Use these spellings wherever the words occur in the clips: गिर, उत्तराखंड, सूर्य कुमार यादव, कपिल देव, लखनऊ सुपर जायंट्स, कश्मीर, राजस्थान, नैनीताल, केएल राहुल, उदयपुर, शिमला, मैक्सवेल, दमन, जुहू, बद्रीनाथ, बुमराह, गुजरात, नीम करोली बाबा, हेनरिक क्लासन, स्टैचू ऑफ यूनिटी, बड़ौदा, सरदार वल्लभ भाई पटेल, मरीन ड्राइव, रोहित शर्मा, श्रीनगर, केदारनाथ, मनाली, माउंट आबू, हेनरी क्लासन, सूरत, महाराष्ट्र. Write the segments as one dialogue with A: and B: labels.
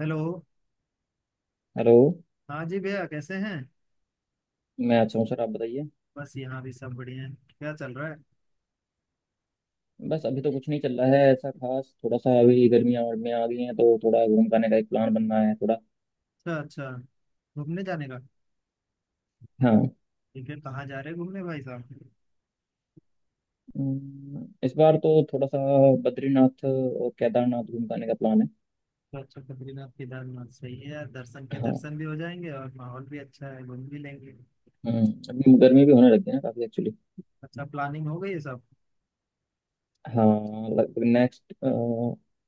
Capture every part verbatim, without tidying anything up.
A: Hello.
B: Hello.
A: हाँ जी भैया, कैसे हैं।
B: मैं अच्छा हूँ सर, आप बताइए।
A: बस यहाँ भी सब बढ़िया हैं। क्या चल रहा है।
B: बस अभी तो कुछ नहीं चल रहा है ऐसा खास, थोड़ा सा अभी गर्मियाँ और में आ गई हैं तो थोड़ा घूम पाने का एक प्लान बन रहा है थोड़ा।
A: अच्छा अच्छा। घूमने जाने का।
B: हाँ।
A: ठीक है, कहाँ जा रहे हैं घूमने भाई साहब।
B: अम, इस बार तो थोड़ा सा बद्रीनाथ और केदारनाथ घूम पाने का प्लान है।
A: अच्छा अच्छा, बद्रीनाथ केदारनाथ सही है यार। दर्शन के
B: हाँ।
A: दर्शन भी हो जाएंगे और माहौल भी अच्छा है, घूम भी लेंगे।
B: हम्म। अभी गर्मी भी होने लग गई है ना काफ़ी एक्चुअली।
A: अच्छा, प्लानिंग हो गई है सब।
B: हाँ लगभग नेक्स्ट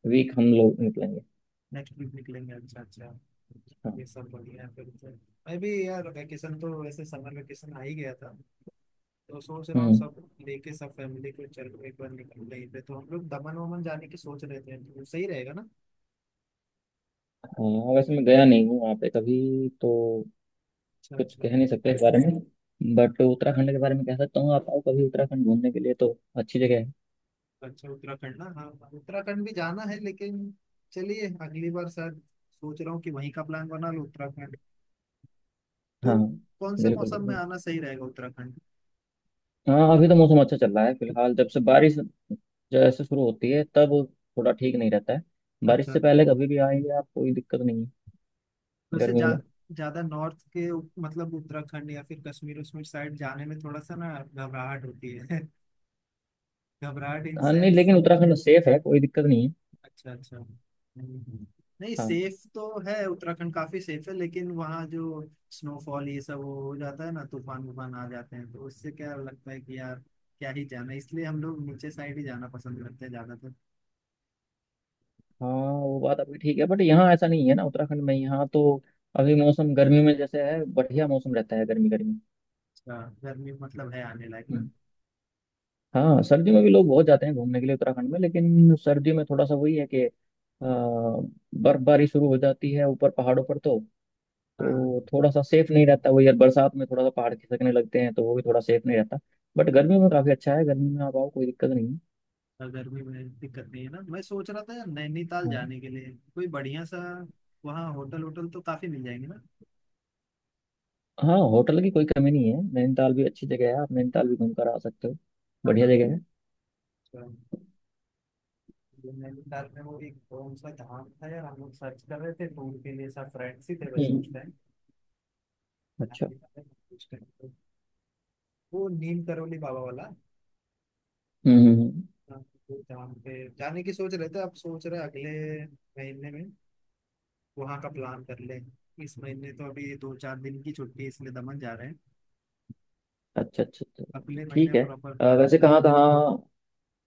B: वीक हम लोग निकलेंगे।
A: नेक्स्ट वीक निकलेंगे, अच्छा अच्छा।
B: हाँ।
A: ये सब बढ़िया है फिर तो। मैं भी यार वैकेशन तो, वैसे समर वैकेशन आ ही गया था, तो सोच रहा हूँ
B: हम्म।
A: सब लेके सब फैमिली को, चलो एक बार निकल रही पे, तो हम लोग दमन वमन जाने की सोच रहे थे, तो सही रहेगा ना।
B: हाँ वैसे मैं गया नहीं हूँ वहाँ पे कभी तो
A: अच्छा
B: कुछ
A: अच्छा।
B: कह नहीं सकते इस बारे में, बट उत्तराखंड के बारे में कह सकता हूँ। आप आओ कभी उत्तराखंड घूमने के लिए तो अच्छी जगह है।
A: अच्छा, उत्तराखंड ना, हाँ हाँ, उत्तराखंड भी जाना है, लेकिन चलिए अगली बार शायद सोच रहा हूँ कि वहीं का प्लान बना लो उत्तराखंड तो।
B: हाँ
A: कौन से
B: बिल्कुल
A: मौसम में
B: बिल्कुल।
A: आना सही रहेगा उत्तराखंड।
B: हाँ अभी तो मौसम अच्छा चल रहा है फिलहाल। जब से बारिश जैसे शुरू होती है तब थोड़ा ठीक नहीं रहता है। बारिश
A: अच्छा।
B: से पहले कभी भी आएंगे आप कोई दिक्कत नहीं है।
A: वैसे जा
B: गर्मियों में।
A: ज्यादा नॉर्थ के उ- मतलब उत्तराखंड या फिर कश्मीर उश्मीर साइड जाने में थोड़ा सा ना घबराहट होती है। घबराहट, इन
B: हाँ नहीं
A: सेंस।
B: लेकिन उत्तराखंड सेफ है, कोई दिक्कत नहीं है।
A: अच्छा अच्छा। हम्म। नहीं,
B: हाँ
A: सेफ तो है उत्तराखंड, काफी सेफ है, लेकिन वहाँ जो स्नोफॉल ये सब वो हो जाता है ना, तूफान वूफान आ जाते हैं, तो उससे क्या लगता है कि यार क्या ही जाना। इसलिए हम लोग नीचे साइड ही जाना पसंद करते हैं ज्यादातर।
B: हाँ वो बात आपकी ठीक है, बट यहाँ ऐसा नहीं है ना उत्तराखंड में। यहाँ तो अभी मौसम गर्मी में जैसे है बढ़िया मौसम रहता है, गर्मी गर्मी।
A: अच्छा, गर्मी मतलब है आने लायक ना।
B: हाँ सर्दी में भी लोग बहुत जाते हैं घूमने के लिए उत्तराखंड में, लेकिन सर्दी में थोड़ा सा वही है कि अ, बर्फबारी शुरू हो जाती है ऊपर पहाड़ों पर तो तो
A: हाँ।
B: थोड़ा सा सेफ नहीं रहता। वही यार, बरसात में थोड़ा सा पहाड़ खिसकने लगते हैं तो वो भी थोड़ा सेफ नहीं रहता। बट गर्मी में काफ़ी अच्छा है, गर्मी में आप आओ कोई दिक्कत नहीं है।
A: और गर्मी में दिक्कत नहीं है ना। मैं सोच रहा था यार नैनीताल
B: हाँ
A: जाने के लिए कोई बढ़िया सा वहाँ होटल, होटल तो काफी मिल जाएंगे ना।
B: हाँ होटल की कोई कमी नहीं है। नैनीताल भी अच्छी जगह है, आप नैनीताल भी घूम कर आ सकते हो।
A: हाँ
B: बढ़िया
A: हाँ।
B: जगह है।
A: अच्छा। मेन्यू कार्ड में वो एक कौन सा धाम था यार, हम लोग सर्च कर रहे थे तो उनके लिए सब फ्रेंड्स ही थे वैसे
B: हम्म।
A: उस टाइम।
B: अच्छा।
A: उस टाइम तो वो नीम करोली बाबा वाला।
B: हम्म हम्म, हम्म।
A: हाँ, वो धाम पे जाने की सोच रहे थे, अब सोच रहे हैं अगले महीने में वहाँ का प्लान कर ले। इस महीने तो अभी दो चार दिन की छुट्टी है, इसलिए दमन जा रहे हैं।
B: अच्छा अच्छा अच्छा अच्छा,
A: अगले महीने
B: ठीक है।
A: प्रॉपर
B: अ,
A: प्लानिंग
B: वैसे
A: कर।
B: कहाँ कहाँ,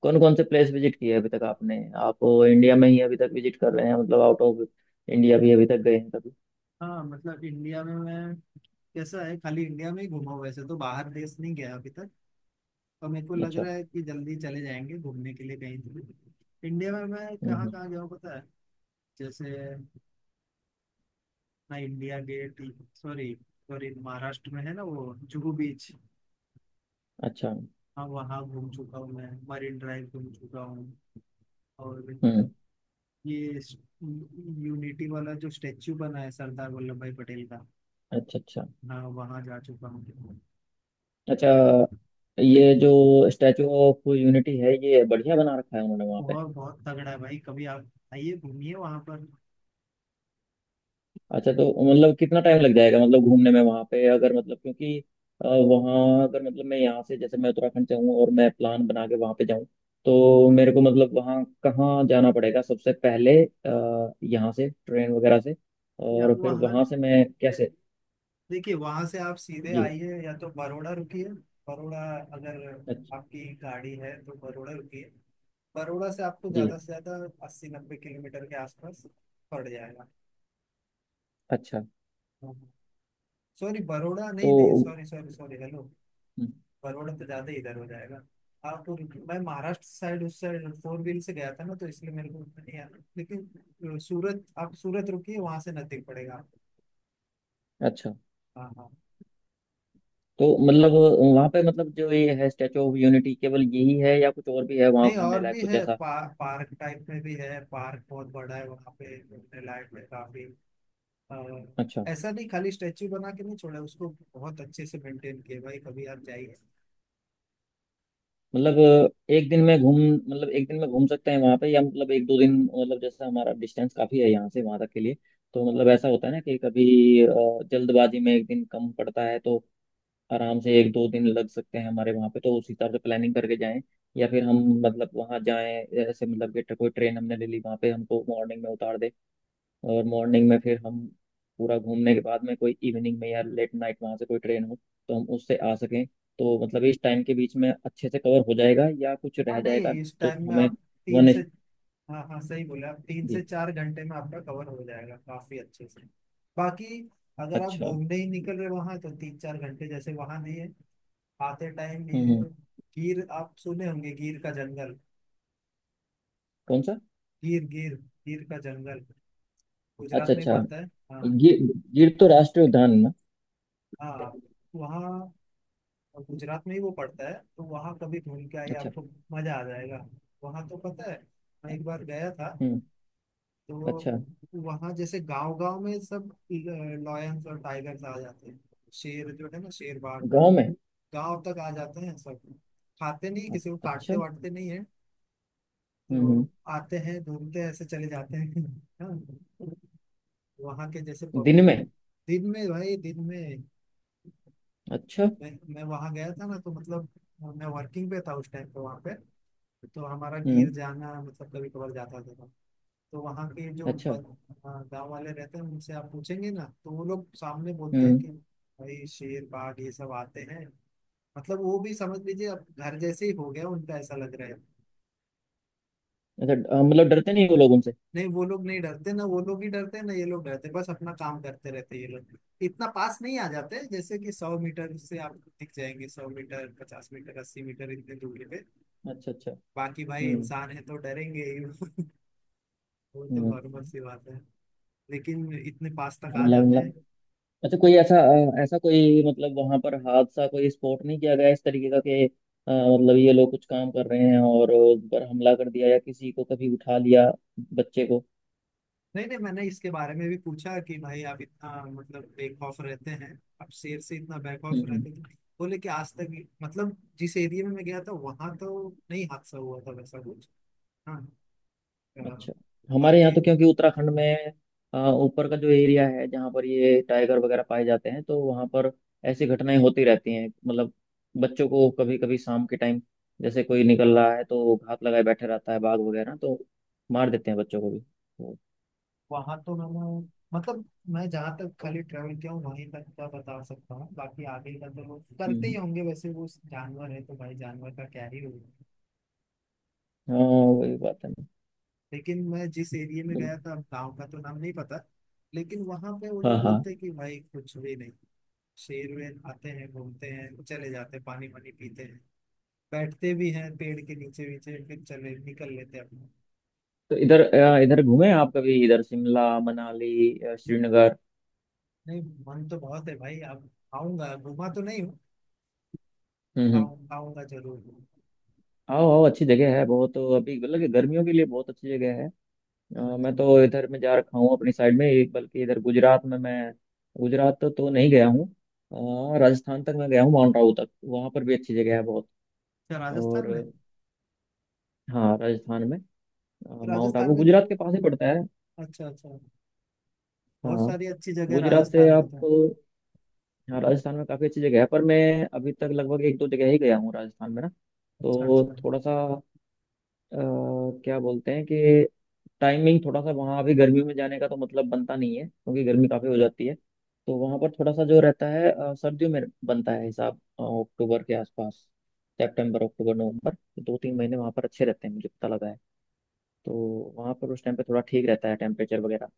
B: कौन कौन से प्लेस विजिट किए अभी तक आपने? आप इंडिया में ही अभी तक विजिट कर रहे हैं, मतलब आउट ऑफ इंडिया भी अभी तक गए हैं कभी?
A: हाँ मतलब इंडिया में मैं कैसा है, खाली इंडिया में ही घूमा हूँ, वैसे तो बाहर देश नहीं गया अभी तक। और मेरे को लग
B: अच्छा।
A: रहा है कि जल्दी चले जाएंगे घूमने के लिए कहीं तो। इंडिया में मैं
B: हम्म
A: कहाँ
B: हम्म।
A: कहाँ गया हूँ पता है। जैसे मैं India Gate, sorry, sorry महाराष्ट्र में है ना वो जुहू बीच।
B: अच्छा।
A: हाँ, वहाँ घूम चुका हूँ, मैं मरीन ड्राइव घूम चुका हूँ, और
B: हम्म।
A: ये यूनिटी वाला जो स्टेच्यू बना है सरदार वल्लभ भाई पटेल का।
B: अच्छा अच्छा।
A: हाँ, वहाँ जा चुका हूँ।
B: अच्छा ये जो स्टैचू ऑफ यूनिटी है ये बढ़िया बना रखा है उन्होंने वहाँ।
A: बहुत बहुत तगड़ा है भाई, कभी आप आइए घूमिए वहाँ पर।
B: अच्छा तो मतलब कितना टाइम लग जाएगा मतलब घूमने में वहां पे? अगर मतलब क्योंकि अ, वहाँ अगर मतलब मैं यहाँ से, जैसे मैं उत्तराखंड से हूँ और मैं प्लान बना के वहां पे जाऊँ तो मेरे को मतलब वहाँ कहाँ जाना पड़ेगा सबसे पहले? अ, यहाँ से ट्रेन वगैरह से
A: या
B: और फिर
A: वहाँ,
B: वहां से मैं कैसे?
A: देखिए, वहां से आप सीधे
B: जी।
A: आइए या तो बड़ौदा रुकिए। बड़ौदा, अगर
B: अच्छा।
A: आपकी गाड़ी है तो बड़ौदा रुकिए। बड़ौदा से आपको
B: जी।
A: ज्यादा से ज्यादा अस्सी नब्बे किलोमीटर के आसपास पड़ जाएगा।
B: अच्छा।
A: सॉरी बड़ौदा नहीं
B: तो
A: नहीं, सॉरी सॉरी सॉरी, हेलो।
B: हम्म।
A: बड़ौदा तो ज्यादा ही इधर हो जाएगा। आप मैं महाराष्ट्र साइड, उस साइड फोर व्हील से गया था ना, तो इसलिए मेरे को उतना नहीं आया। लेकिन सूरत, आप सूरत रुकिए, वहां से नजदीक पड़ेगा आपको।
B: अच्छा
A: हाँ हाँ।
B: तो मतलब वहाँ पे मतलब जो ये है स्टैचू ऑफ यूनिटी, केवल यही है या कुछ और भी है वहाँ
A: नहीं
B: घूमने
A: और
B: लायक
A: भी
B: कुछ
A: है,
B: ऐसा?
A: पा, पार्क टाइप में भी है, पार्क बहुत बड़ा है, वहाँ पे घूमने लायक है काफी। और
B: अच्छा।
A: ऐसा नहीं खाली स्टेच्यू बना के नहीं छोड़ा उसको, बहुत अच्छे से मेंटेन किया भाई, कभी आप जाइए।
B: मतलब एक दिन में घूम, मतलब एक दिन में घूम सकते हैं वहां पे, या मतलब एक दो दिन, मतलब जैसा हमारा डिस्टेंस काफी है यहाँ से वहां तक के लिए तो मतलब ऐसा होता है ना कि कभी अ, जल्दबाजी में एक दिन कम पड़ता है तो आराम से एक दो दिन लग सकते हैं हमारे वहां पे, तो उस हिसाब से प्लानिंग करके जाएं। या फिर हम मतलब वहां जाएं ऐसे मतलब कि कोई ट्रेन हमने ले ली, वहां पे हमको मॉर्निंग में उतार दे, और मॉर्निंग में फिर हम पूरा घूमने के बाद में कोई इवनिंग में या लेट नाइट वहाँ से कोई ट्रेन हो तो हम उससे आ सकें, तो मतलब इस टाइम के बीच में अच्छे से कवर हो जाएगा या कुछ
A: हाँ
B: रह
A: नहीं,
B: जाएगा?
A: इस
B: तो
A: टाइम में
B: हमें
A: आप तीन
B: वन।
A: से, हाँ हाँ सही बोले आप, तीन से
B: जी।
A: चार घंटे में आपका कवर हो जाएगा काफी अच्छे से। बाकी अगर आप
B: अच्छा।
A: घूमने ही निकल रहे वहां, तो तीन चार घंटे जैसे वहां नहीं है। आते टाइम
B: हम्म
A: ये
B: हम्म,
A: गिर, आप सुने होंगे, गिर का जंगल।
B: कौन सा?
A: गिर, गिर, गिर का जंगल
B: अच्छा
A: गुजरात में ही
B: अच्छा।
A: पड़ता है। हाँ
B: गिर, गिर तो राष्ट्रीय उद्यान है ना।
A: हाँ। वहाँ, गुजरात में ही वो पड़ता है, तो वहाँ कभी घूम के आइए,
B: अच्छा।
A: आपको मजा आ जाएगा। वहाँ तो पता है, मैं एक बार गया था
B: हम्म। अच्छा।
A: तो। वहाँ जैसे गांव गांव में सब लॉयंस और टाइगर्स आ जाते हैं, शेर जो है ना, शेर बाघ।
B: गांव में?
A: गांव तक आ जाते हैं सब, खाते नहीं, किसी को काटते
B: अच्छा।
A: वाटते नहीं है,
B: हम्म हम्म।
A: तो आते हैं, घूमते हैं, ऐसे चले जाते हैं। हाँ, वहाँ के जैसे
B: दिन
A: पब्लिक।
B: में?
A: दिन में भाई, दिन में।
B: अच्छा।
A: मैं मैं वहां गया था ना, तो मतलब मैं वर्किंग पे था उस टाइम पे वहां पे, तो हमारा
B: हम्म।
A: गिर जाना मतलब कभी कभार जाता था। तो वहाँ के जो
B: अच्छा।
A: गांव वाले रहते हैं उनसे आप पूछेंगे ना, तो वो लोग सामने बोलते हैं
B: हम्म।
A: कि भाई शेर बाघ ये सब आते हैं। मतलब वो भी समझ लीजिए, अब घर जैसे ही हो गया उनका, ऐसा लग रहा है।
B: अच्छा अ, मतलब डरते नहीं वो लोग उनसे?
A: नहीं, वो लोग नहीं डरते ना, वो लोग ही डरते हैं ना ये लोग, डरते हैं बस, अपना काम करते रहते हैं ये लोग। इतना पास नहीं आ जाते, जैसे कि सौ मीटर से आप दिख जाएंगे, सौ मीटर पचास मीटर अस्सी मीटर इतने दूरी पे।
B: अच्छा अच्छा।
A: बाकी भाई
B: हम्म
A: इंसान है तो डरेंगे ही। वो तो नॉर्मल
B: हम्म।
A: सी बात है, लेकिन इतने पास तक आ
B: मतलब
A: जाते हैं।
B: मतलब अच्छा कोई ऐसा अ, ऐसा कोई मतलब वहां पर हादसा कोई स्पॉट नहीं किया गया इस तरीके का कि अ, मतलब ये लोग कुछ काम कर रहे हैं और उन पर हमला कर दिया या किसी को कभी उठा लिया, बच्चे को?
A: नहीं नहीं, मैंने इसके बारे में भी पूछा कि भाई आप इतना मतलब बेखौफ ऑफ रहते हैं, आप शेर से इतना बैक ऑफ
B: हम्म हम्म।
A: रहते थे। बोले कि आज तक, मतलब जिस एरिया में मैं गया था वहां तो नहीं हादसा हुआ था वैसा कुछ, हाँ। अ,
B: अच्छा। हमारे यहाँ
A: बाकी
B: तो क्योंकि उत्तराखंड में अ, ऊपर का जो एरिया है जहाँ पर ये टाइगर वगैरह पाए जाते हैं तो वहाँ पर ऐसी घटनाएं होती रहती हैं मतलब बच्चों को कभी कभी शाम के टाइम जैसे कोई निकल रहा है तो घात लगाए बैठे रहता है बाघ वगैरह तो मार देते हैं बच्चों को भी तो।
A: वहां तो मैंने, मतलब मैं जहाँ तक खाली ट्रेवल किया हूँ वहीं तक का बता सकता हूँ, बाकी आगे का तो लोग करते ही
B: हम्म।
A: होंगे, वैसे वो जानवर है तो भाई जानवर का क्या ही होगा।
B: हाँ। वही बात है ना।
A: लेकिन मैं जिस एरिया में गया
B: बिल्कुल।
A: था, अब गांव का तो नाम नहीं पता, लेकिन वहां पे वो
B: हाँ
A: लोग
B: हाँ
A: बोलते हैं कि भाई कुछ भी नहीं। शेर वेर आते हैं, घूमते हैं, चले जाते हैं, पानी वानी पीते हैं, बैठते भी हैं पेड़ के नीचे नीचे, फिर चले निकल लेते हैं अपना।
B: तो इधर अ, इधर घूमे आप कभी? इधर शिमला मनाली, अ, श्रीनगर?
A: नहीं, मन तो बहुत है भाई, अब आऊंगा, घूमा तो नहीं हूँ।
B: हम्म हम्म।
A: आऊं- आऊंगा जरूर।
B: आओ आओ, अच्छी जगह है बहुत तो अभी मतलब कि गर्मियों के लिए बहुत अच्छी जगह है। अ, मैं
A: अच्छा
B: तो इधर में जा रखा हूँ अपनी साइड में एक, बल्कि इधर गुजरात में मैं गुजरात तो, तो नहीं गया हूँ। अ, राजस्थान तक मैं गया हूँ माउंट आबू तक, वहाँ पर भी अच्छी जगह है बहुत।
A: अच्छा। राजस्थान
B: और
A: में
B: हाँ राजस्थान में अ,
A: तो
B: माउंट आबू
A: राजस्थान में
B: गुजरात
A: तो
B: के पास ही पड़ता है।
A: अच्छा अच्छा, बहुत
B: हाँ
A: सारी अच्छी जगह
B: गुजरात से
A: राजस्थान में
B: आप,
A: तो।
B: हाँ राजस्थान में काफ़ी अच्छी जगह है, पर मैं अभी तक लगभग एक दो जगह ही गया हूँ राजस्थान में ना।
A: अच्छा अच्छा।
B: तो थोड़ा सा अ, क्या बोलते हैं कि टाइमिंग थोड़ा सा वहाँ अभी गर्मी में जाने का तो मतलब बनता नहीं है क्योंकि गर्मी काफ़ी हो जाती है, तो वहाँ पर थोड़ा सा जो रहता है अ, सर्दियों में बनता है हिसाब, अ, अक्टूबर के आसपास, सितंबर अक्टूबर नवंबर तो दो तीन महीने वहाँ पर अच्छे रहते हैं मुझे पता लगा है। तो वहाँ पर उस टाइम पे थोड़ा ठीक रहता है टेम्परेचर वगैरह।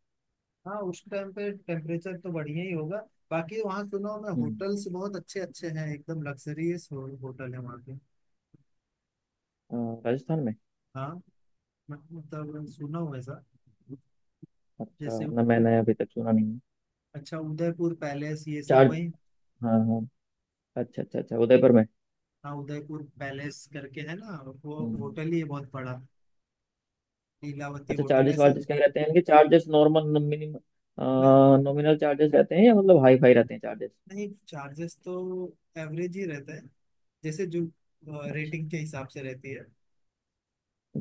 A: हाँ, उस टाइम पे टेम्परेचर तो बढ़िया ही होगा। बाकी वहाँ सुनो, मैं
B: हम्म।
A: होटल्स बहुत अच्छे अच्छे हैं, एकदम लग्जरियस होटल है वहाँ के।
B: अ, राजस्थान में?
A: हाँ, मैं- मतलब सुना हूँ ऐसा।
B: अच्छा।
A: जैसे
B: ना
A: उ-
B: मैंने अभी तक सुना नहीं है।
A: अच्छा, उदयपुर पैलेस ये सब
B: चार।
A: वही।
B: हाँ हाँ। अच्छा अच्छा अच्छा, उदयपुर में।
A: हाँ, उदयपुर पैलेस करके है ना, वो
B: हम्म।
A: होटल ही है बहुत बड़ा। लीलावती
B: अच्छा
A: होटल
B: चार्जेस
A: ऐसे।
B: वार्जेस क्या रहते हैं इनके? चार्जेस नॉर्मल मिनिमम
A: मैं,
B: नॉमिनल चार्जेस रहते हैं या मतलब हाई फाई रहते हैं चार्जेस?
A: नहीं चार्जेस तो एवरेज ही रहता है, जैसे जो
B: अच्छा
A: रेटिंग के हिसाब से रहती है।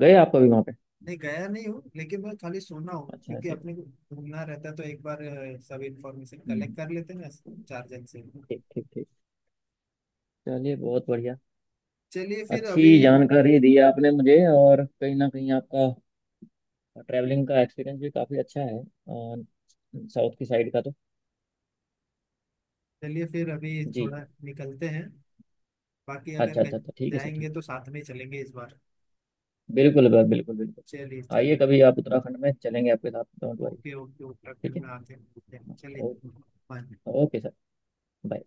B: गए आप कभी वहाँ पे?
A: नहीं, गया नहीं हूँ, लेकिन मैं खाली सुना हूँ
B: अच्छा
A: क्योंकि
B: ऐसे।
A: अपने को घूमना रहता है, तो एक बार अ, सब इंफॉर्मेशन कलेक्ट
B: हम्म।
A: कर लेते हैं ना। चार जन से।
B: ठीक ठीक ठीक, चलिए बहुत बढ़िया।
A: चलिए फिर
B: अच्छी
A: अभी
B: जानकारी दी आपने मुझे, और कहीं ना कहीं आपका ट्रैवलिंग का एक्सपीरियंस भी काफ़ी अच्छा है साउथ की साइड का तो।
A: चलिए फिर अभी
B: जी।
A: थोड़ा निकलते हैं। बाकी अगर
B: अच्छा अच्छा
A: कहीं
B: अच्छा ठीक है सर, ठीक
A: जाएंगे तो साथ में चलेंगे इस बार।
B: है बिल्कुल बिल्कुल बिल्कुल बिल्कुल।
A: चलिए
B: आइए
A: चलिए।
B: कभी आप उत्तराखंड में, चलेंगे आपके साथ, don't worry.
A: Okay okay, उत्तराखंड
B: ठीक है।
A: में आते हैं चलिए।
B: Okay.
A: Bye.
B: Okay sir, bye.